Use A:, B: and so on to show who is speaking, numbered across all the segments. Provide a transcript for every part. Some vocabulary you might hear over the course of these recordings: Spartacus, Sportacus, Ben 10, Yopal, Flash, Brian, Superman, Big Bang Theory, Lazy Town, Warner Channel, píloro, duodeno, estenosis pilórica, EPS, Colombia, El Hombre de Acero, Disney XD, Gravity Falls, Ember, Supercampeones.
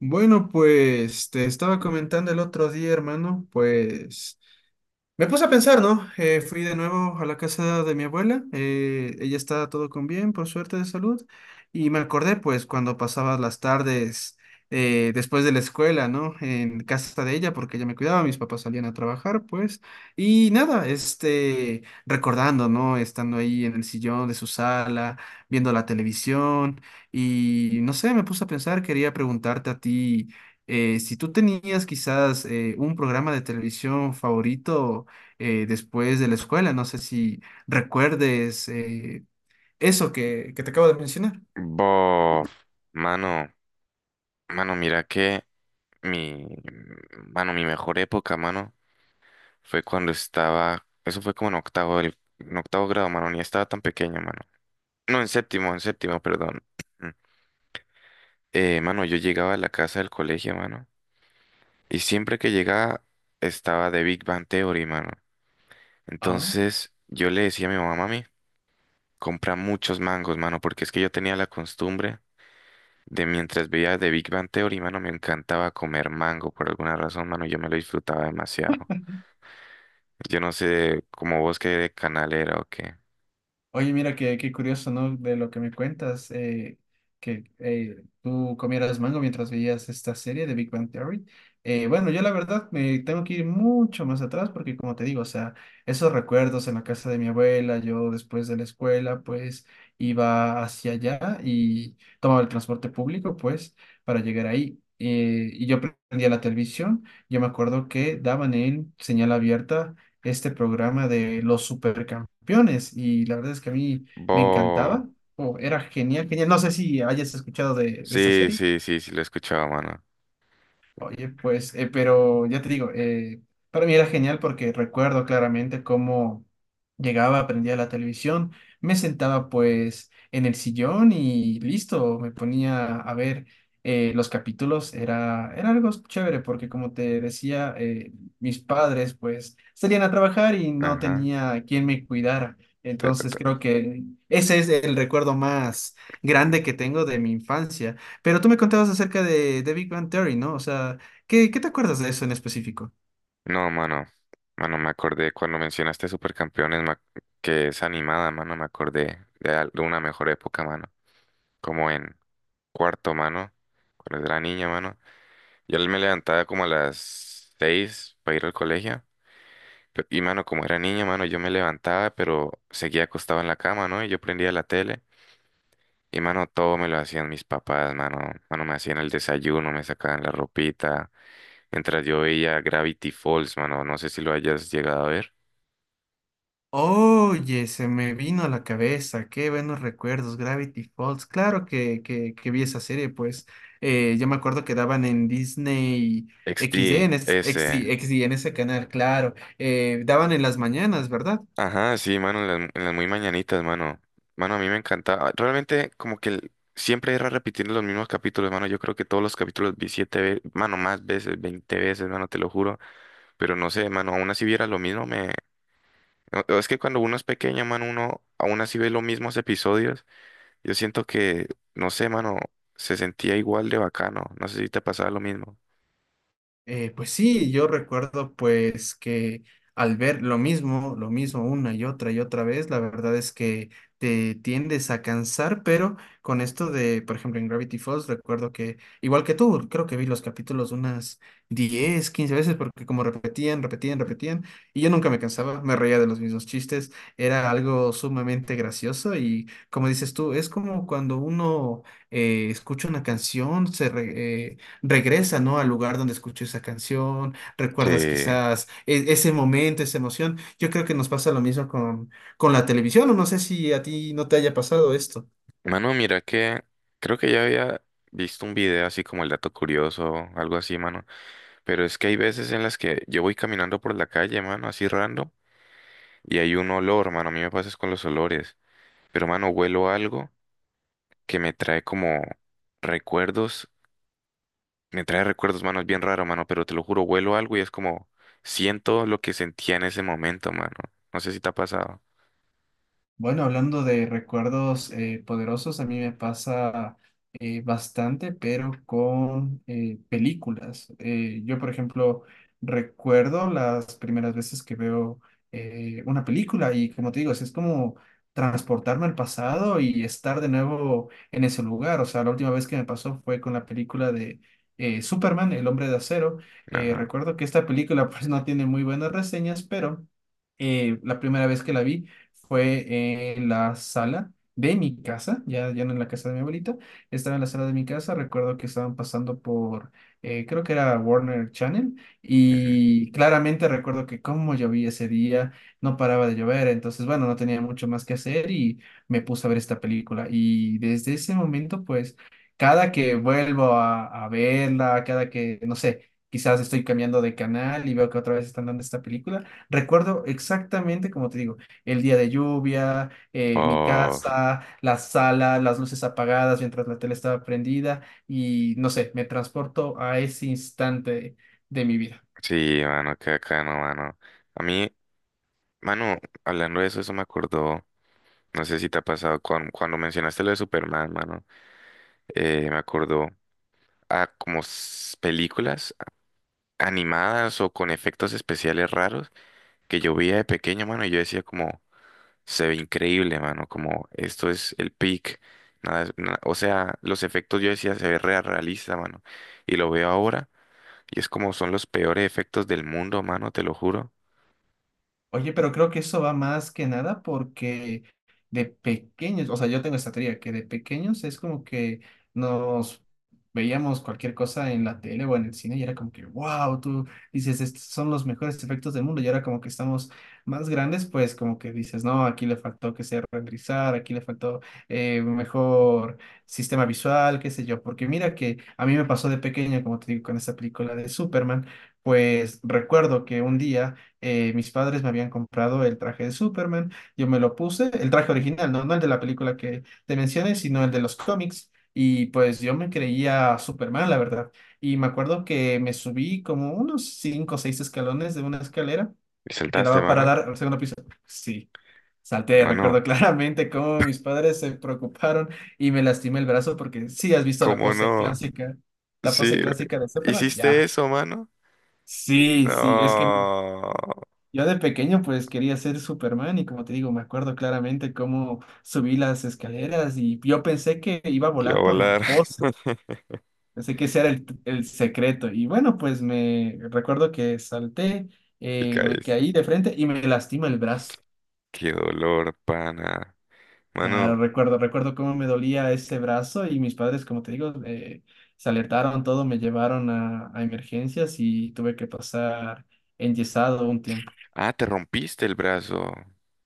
A: Bueno, pues te estaba comentando el otro día, hermano, pues me puse a pensar, ¿no? Fui de nuevo a la casa de mi abuela, ella está todo con bien, por suerte de salud, y me acordé pues cuando pasaba las tardes después de la escuela, ¿no? En casa de ella, porque ella me cuidaba, mis papás salían a trabajar, pues, y nada, recordando, ¿no? Estando ahí en el sillón de su sala, viendo la televisión, y no sé, me puse a pensar, quería preguntarte a ti. Si tú tenías quizás un programa de televisión favorito, después de la escuela. No sé si recuerdes eso que te acabo de mencionar.
B: Bof, mano, mano, mira que mi, mano, mi mejor época, mano, fue cuando estaba, eso fue como en octavo, en octavo grado, mano, ni estaba tan pequeño, mano. No, en séptimo, perdón. Mm. Mano, yo llegaba a la casa del colegio, mano, y siempre que llegaba estaba de Big Bang Theory, mano. Entonces yo le decía a mi mamá: mami, compra muchos mangos, mano, porque es que yo tenía la costumbre. De mientras veía de Big Bang Theory, mano, me encantaba comer mango por alguna razón, mano, yo me lo disfrutaba demasiado. Yo no sé como vos qué canal era o qué.
A: Oye, mira, qué curioso, ¿no? De lo que me cuentas, que tú comieras mango mientras veías esta serie de Big Bang Theory. Bueno, yo la verdad me tengo que ir mucho más atrás porque, como te digo, o sea, esos recuerdos en la casa de mi abuela, yo después de la escuela, pues iba hacia allá y tomaba el transporte público, pues, para llegar ahí. Y yo prendía la televisión. Yo me acuerdo que daban en señal abierta este programa de los supercampeones y la verdad es que a mí me
B: Bo.
A: encantaba, o era genial, genial. No sé si hayas escuchado de esta
B: Sí,
A: serie.
B: sí, sí, sí, lo he escuchado, mano.
A: Oye, pues, pero ya te digo, para mí era genial porque recuerdo claramente cómo llegaba, prendía la televisión, me sentaba pues en el sillón y listo, me ponía a ver los capítulos, era algo chévere porque como te decía, mis padres pues salían a trabajar y no
B: Ajá.
A: tenía quien me cuidara.
B: Te-
A: Entonces
B: te-
A: creo que ese es el recuerdo más grande que tengo de mi infancia, pero tú me contabas acerca de Big Bang Theory, ¿no? O sea, ¿qué te acuerdas de eso en específico?
B: No, mano. Mano, me acordé cuando mencionaste Supercampeones, que es animada, mano, me acordé de una mejor época, mano. Como en cuarto, mano, cuando era niña, mano. Yo me levantaba como a las 6 para ir al colegio. Y mano, como era niño, mano, yo me levantaba, pero seguía acostado en la cama, ¿no? Y yo prendía la tele. Y mano, todo me lo hacían mis papás, mano. Mano, me hacían el desayuno, me sacaban la ropita. Mientras yo veía Gravity Falls, mano. No sé si lo hayas llegado a ver.
A: Oye, se me vino a la cabeza, qué buenos recuerdos, Gravity Falls, claro que vi esa serie, pues yo me acuerdo que daban en Disney
B: X
A: XD,
B: T
A: en, es-
B: ese.
A: XD, XD, en ese canal, claro, daban en las mañanas, ¿verdad?
B: Ajá, sí, mano, en las muy mañanitas, mano. Mano, a mí me encantaba. Realmente, como que siempre era repitiendo los mismos capítulos, mano. Yo creo que todos los capítulos vi siete veces, mano, más veces, 20 veces, mano, te lo juro. Pero no sé, mano, aún así viera lo mismo, me... No. Es que cuando uno es pequeño, mano, uno aún así ve los mismos episodios. Yo siento que, no sé, mano, se sentía igual de bacano. No sé si te pasaba lo mismo.
A: Pues sí, yo recuerdo pues que al ver lo mismo una y otra vez, la verdad es que te tiendes a cansar, pero con esto de, por ejemplo, en Gravity Falls, recuerdo que, igual que tú, creo que vi los capítulos unas 10 15 veces, porque como repetían, repetían, repetían, y yo nunca me cansaba, me reía de los mismos chistes, era algo sumamente gracioso y como dices tú, es como cuando uno escucha una canción, regresa, ¿no? Al lugar donde escuchó esa canción,
B: Sí,
A: recuerdas quizás ese momento, esa emoción. Yo creo que nos pasa lo mismo con la televisión, o no sé si a ti no te haya pasado esto.
B: mano, mira que creo que ya había visto un video así como el dato curioso, algo así, mano. Pero es que hay veces en las que yo voy caminando por la calle, mano, así random, y hay un olor, mano. A mí me pasa es con los olores. Pero, mano, huelo algo que me trae como recuerdos. Me trae recuerdos, mano, es bien raro, mano, pero te lo juro, vuelo algo y es como siento lo que sentía en ese momento, mano. No sé si te ha pasado.
A: Bueno, hablando de recuerdos poderosos, a mí me pasa bastante, pero con películas. Yo, por ejemplo, recuerdo las primeras veces que veo una película y, como te digo, es como transportarme al pasado y estar de nuevo en ese lugar. O sea, la última vez que me pasó fue con la película de Superman, El Hombre de Acero.
B: Ajá.
A: Recuerdo que esta película pues no tiene muy buenas reseñas, pero la primera vez que la vi fue en la sala de mi casa, ya, ya no en la casa de mi abuelita, estaba en la sala de mi casa, recuerdo que estaban pasando por, creo que era Warner Channel,
B: Ujú.
A: y claramente recuerdo que como llovía ese día, no paraba de llover, entonces bueno, no tenía mucho más que hacer y me puse a ver esta película, y desde ese momento, pues, cada que vuelvo a verla, cada que, no sé, quizás estoy cambiando de canal y veo que otra vez están dando esta película, recuerdo exactamente, como te digo, el día de lluvia, mi
B: Oh,
A: casa, la sala, las luces apagadas mientras la tele estaba prendida y no sé, me transporto a ese instante de mi vida.
B: sí, mano, qué bacano, mano. A mí, mano, hablando de eso, eso me acordó, no sé si te ha pasado, cuando mencionaste lo de Superman, mano, me acordó a como películas animadas o con efectos especiales raros que yo veía de pequeño, mano, y yo decía como... Se ve increíble, mano, como esto es el peak. Nada, o sea, los efectos yo decía se ve re realista, mano. Y lo veo ahora y es como son los peores efectos del mundo, mano, te lo juro.
A: Oye, pero creo que eso va más que nada porque de pequeños, o sea, yo tengo esta teoría que de pequeños es como que nos veíamos cualquier cosa en la tele o en el cine y era como que, wow, tú dices, estos son los mejores efectos del mundo y ahora como que estamos más grandes, pues como que dices, no, aquí le faltó que sea renderizar, aquí le faltó un mejor sistema visual, qué sé yo, porque mira que a mí me pasó de pequeño, como te digo, con esta película de Superman, pues recuerdo que un día mis padres me habían comprado el traje de Superman, yo me lo puse, el traje original, ¿no? No el de la película que te mencioné, sino el de los cómics, y pues yo me creía Superman, la verdad. Y me acuerdo que me subí como unos cinco o seis escalones de una escalera
B: ¿Y
A: que
B: saltaste,
A: daba para
B: mano?
A: dar al segundo piso. Sí. Salté,
B: Mano,
A: recuerdo claramente cómo mis padres se preocuparon y me lastimé el brazo porque sí has visto
B: ¿cómo no?
A: la
B: Sí,
A: pose
B: güey.
A: clásica de Superman,
B: ¿Hiciste
A: ya.
B: eso, mano?
A: Sí, sí, es que
B: No,
A: yo de pequeño pues quería ser Superman y como te digo, me acuerdo claramente cómo subí las escaleras y yo pensé que iba a
B: que iba a
A: volar por la
B: volar
A: pose, pensé que ese era el secreto y bueno pues me recuerdo que salté,
B: y
A: me
B: caíste.
A: caí de frente y me lastima el brazo.
B: Qué dolor, pana. Mano,
A: Claro, recuerdo, recuerdo cómo me dolía ese brazo y mis padres como te digo se alertaron todo, me llevaron a emergencias y tuve que pasar enyesado un tiempo.
B: ah, te rompiste el brazo.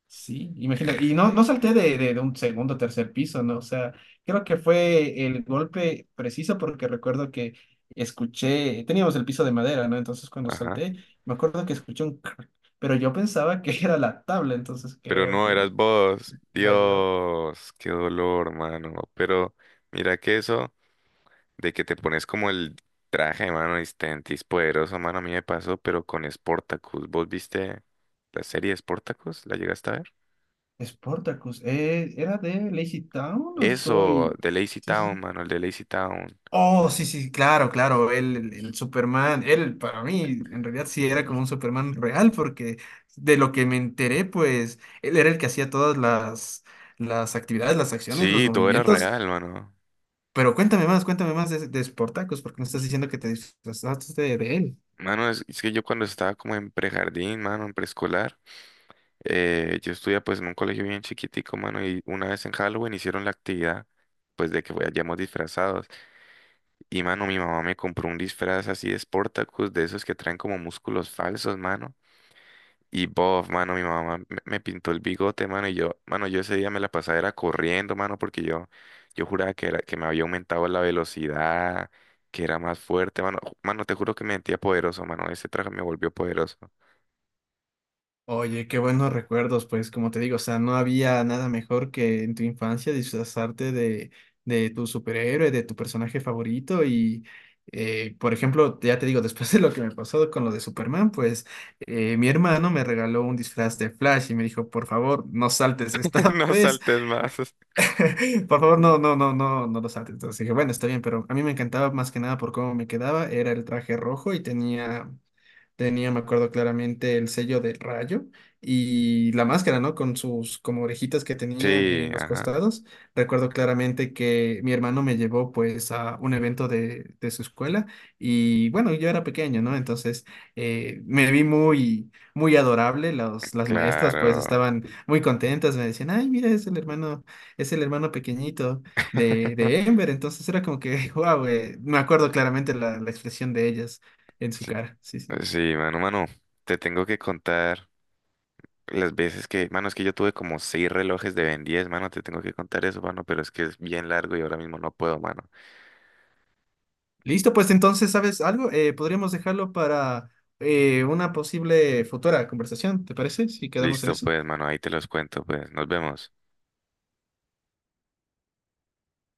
A: Sí, imagínate. Y no, no salté de un segundo o tercer piso, ¿no? O sea, creo que fue el golpe preciso porque recuerdo que escuché, teníamos el piso de madera, ¿no? Entonces cuando
B: Ajá.
A: salté, me acuerdo que escuché un crack, pero yo pensaba que era la tabla, entonces
B: Pero
A: creo
B: no,
A: que
B: eras vos.
A: era yo.
B: Dios, qué dolor, mano. Pero mira que eso de que te pones como el traje, mano, y Stentis poderoso, mano, a mí me pasó, pero con Spartacus. ¿Vos viste la serie Spartacus? ¿La llegaste a ver?
A: Sportacus, ¿era de Lazy Town o
B: Eso,
A: estoy...?
B: de Lazy
A: Sí, sí.
B: Town, mano, el de Lazy Town.
A: Oh, sí, sí, claro, claro, él, el Superman, él para mí en realidad sí era como un Superman real porque de lo que me enteré, pues él era el que hacía todas las actividades, las acciones, los
B: Sí, todo era
A: movimientos,
B: real, mano.
A: pero cuéntame más de Sportacus, porque me estás diciendo que te disfrazaste de él.
B: Mano, es que yo cuando estaba como en prejardín, mano, en preescolar. Yo estudié pues en un colegio bien chiquitico, mano, y una vez en Halloween hicieron la actividad, pues de que vayamos disfrazados. Y, mano, mi mamá me compró un disfraz así de Sportacus, de esos que traen como músculos falsos, mano. Y bof, mano, mi mamá me pintó el bigote, mano, y yo, mano, yo ese día me la pasaba era corriendo, mano, porque yo juraba que era, que me había aumentado la velocidad, que era más fuerte, mano. Mano, te juro que me sentía poderoso, mano. Ese traje me volvió poderoso.
A: Oye, qué buenos recuerdos, pues como te digo, o sea, no había nada mejor que en tu infancia disfrazarte de tu superhéroe, de tu personaje favorito y, por ejemplo, ya te digo, después de lo que me pasó con lo de Superman, pues mi hermano me regaló un disfraz de Flash y me dijo, por favor, no saltes esta
B: No
A: vez,
B: saltes más.
A: por favor, no, no, no, no, no lo saltes. Entonces dije, bueno, está bien, pero a mí me encantaba más que nada por cómo me quedaba, era el traje rojo y tenía... Tenía, me acuerdo claramente, el sello del rayo y la máscara, ¿no? Con sus como orejitas que tenía
B: Sí,
A: en los
B: ajá.
A: costados. Recuerdo claramente que mi hermano me llevó pues a un evento de su escuela y bueno, yo era pequeño, ¿no? Entonces me vi muy, muy adorable. Las maestras pues
B: Claro.
A: estaban muy contentas, me decían, ay, mira, es el hermano pequeñito de Ember. Entonces era como que, wow, me acuerdo claramente la expresión de ellas en su
B: Sí,
A: cara. Sí, sí.
B: sí, mano, mano, te tengo que contar las veces que, mano, es que yo tuve como seis relojes de Ben 10, mano, te tengo que contar eso, mano, pero es que es bien largo y ahora mismo no puedo, mano.
A: Listo, pues entonces, ¿sabes algo? Podríamos dejarlo para una posible futura conversación, ¿te parece? Si quedamos en
B: Listo,
A: eso.
B: pues, mano, ahí te los cuento, pues, nos vemos.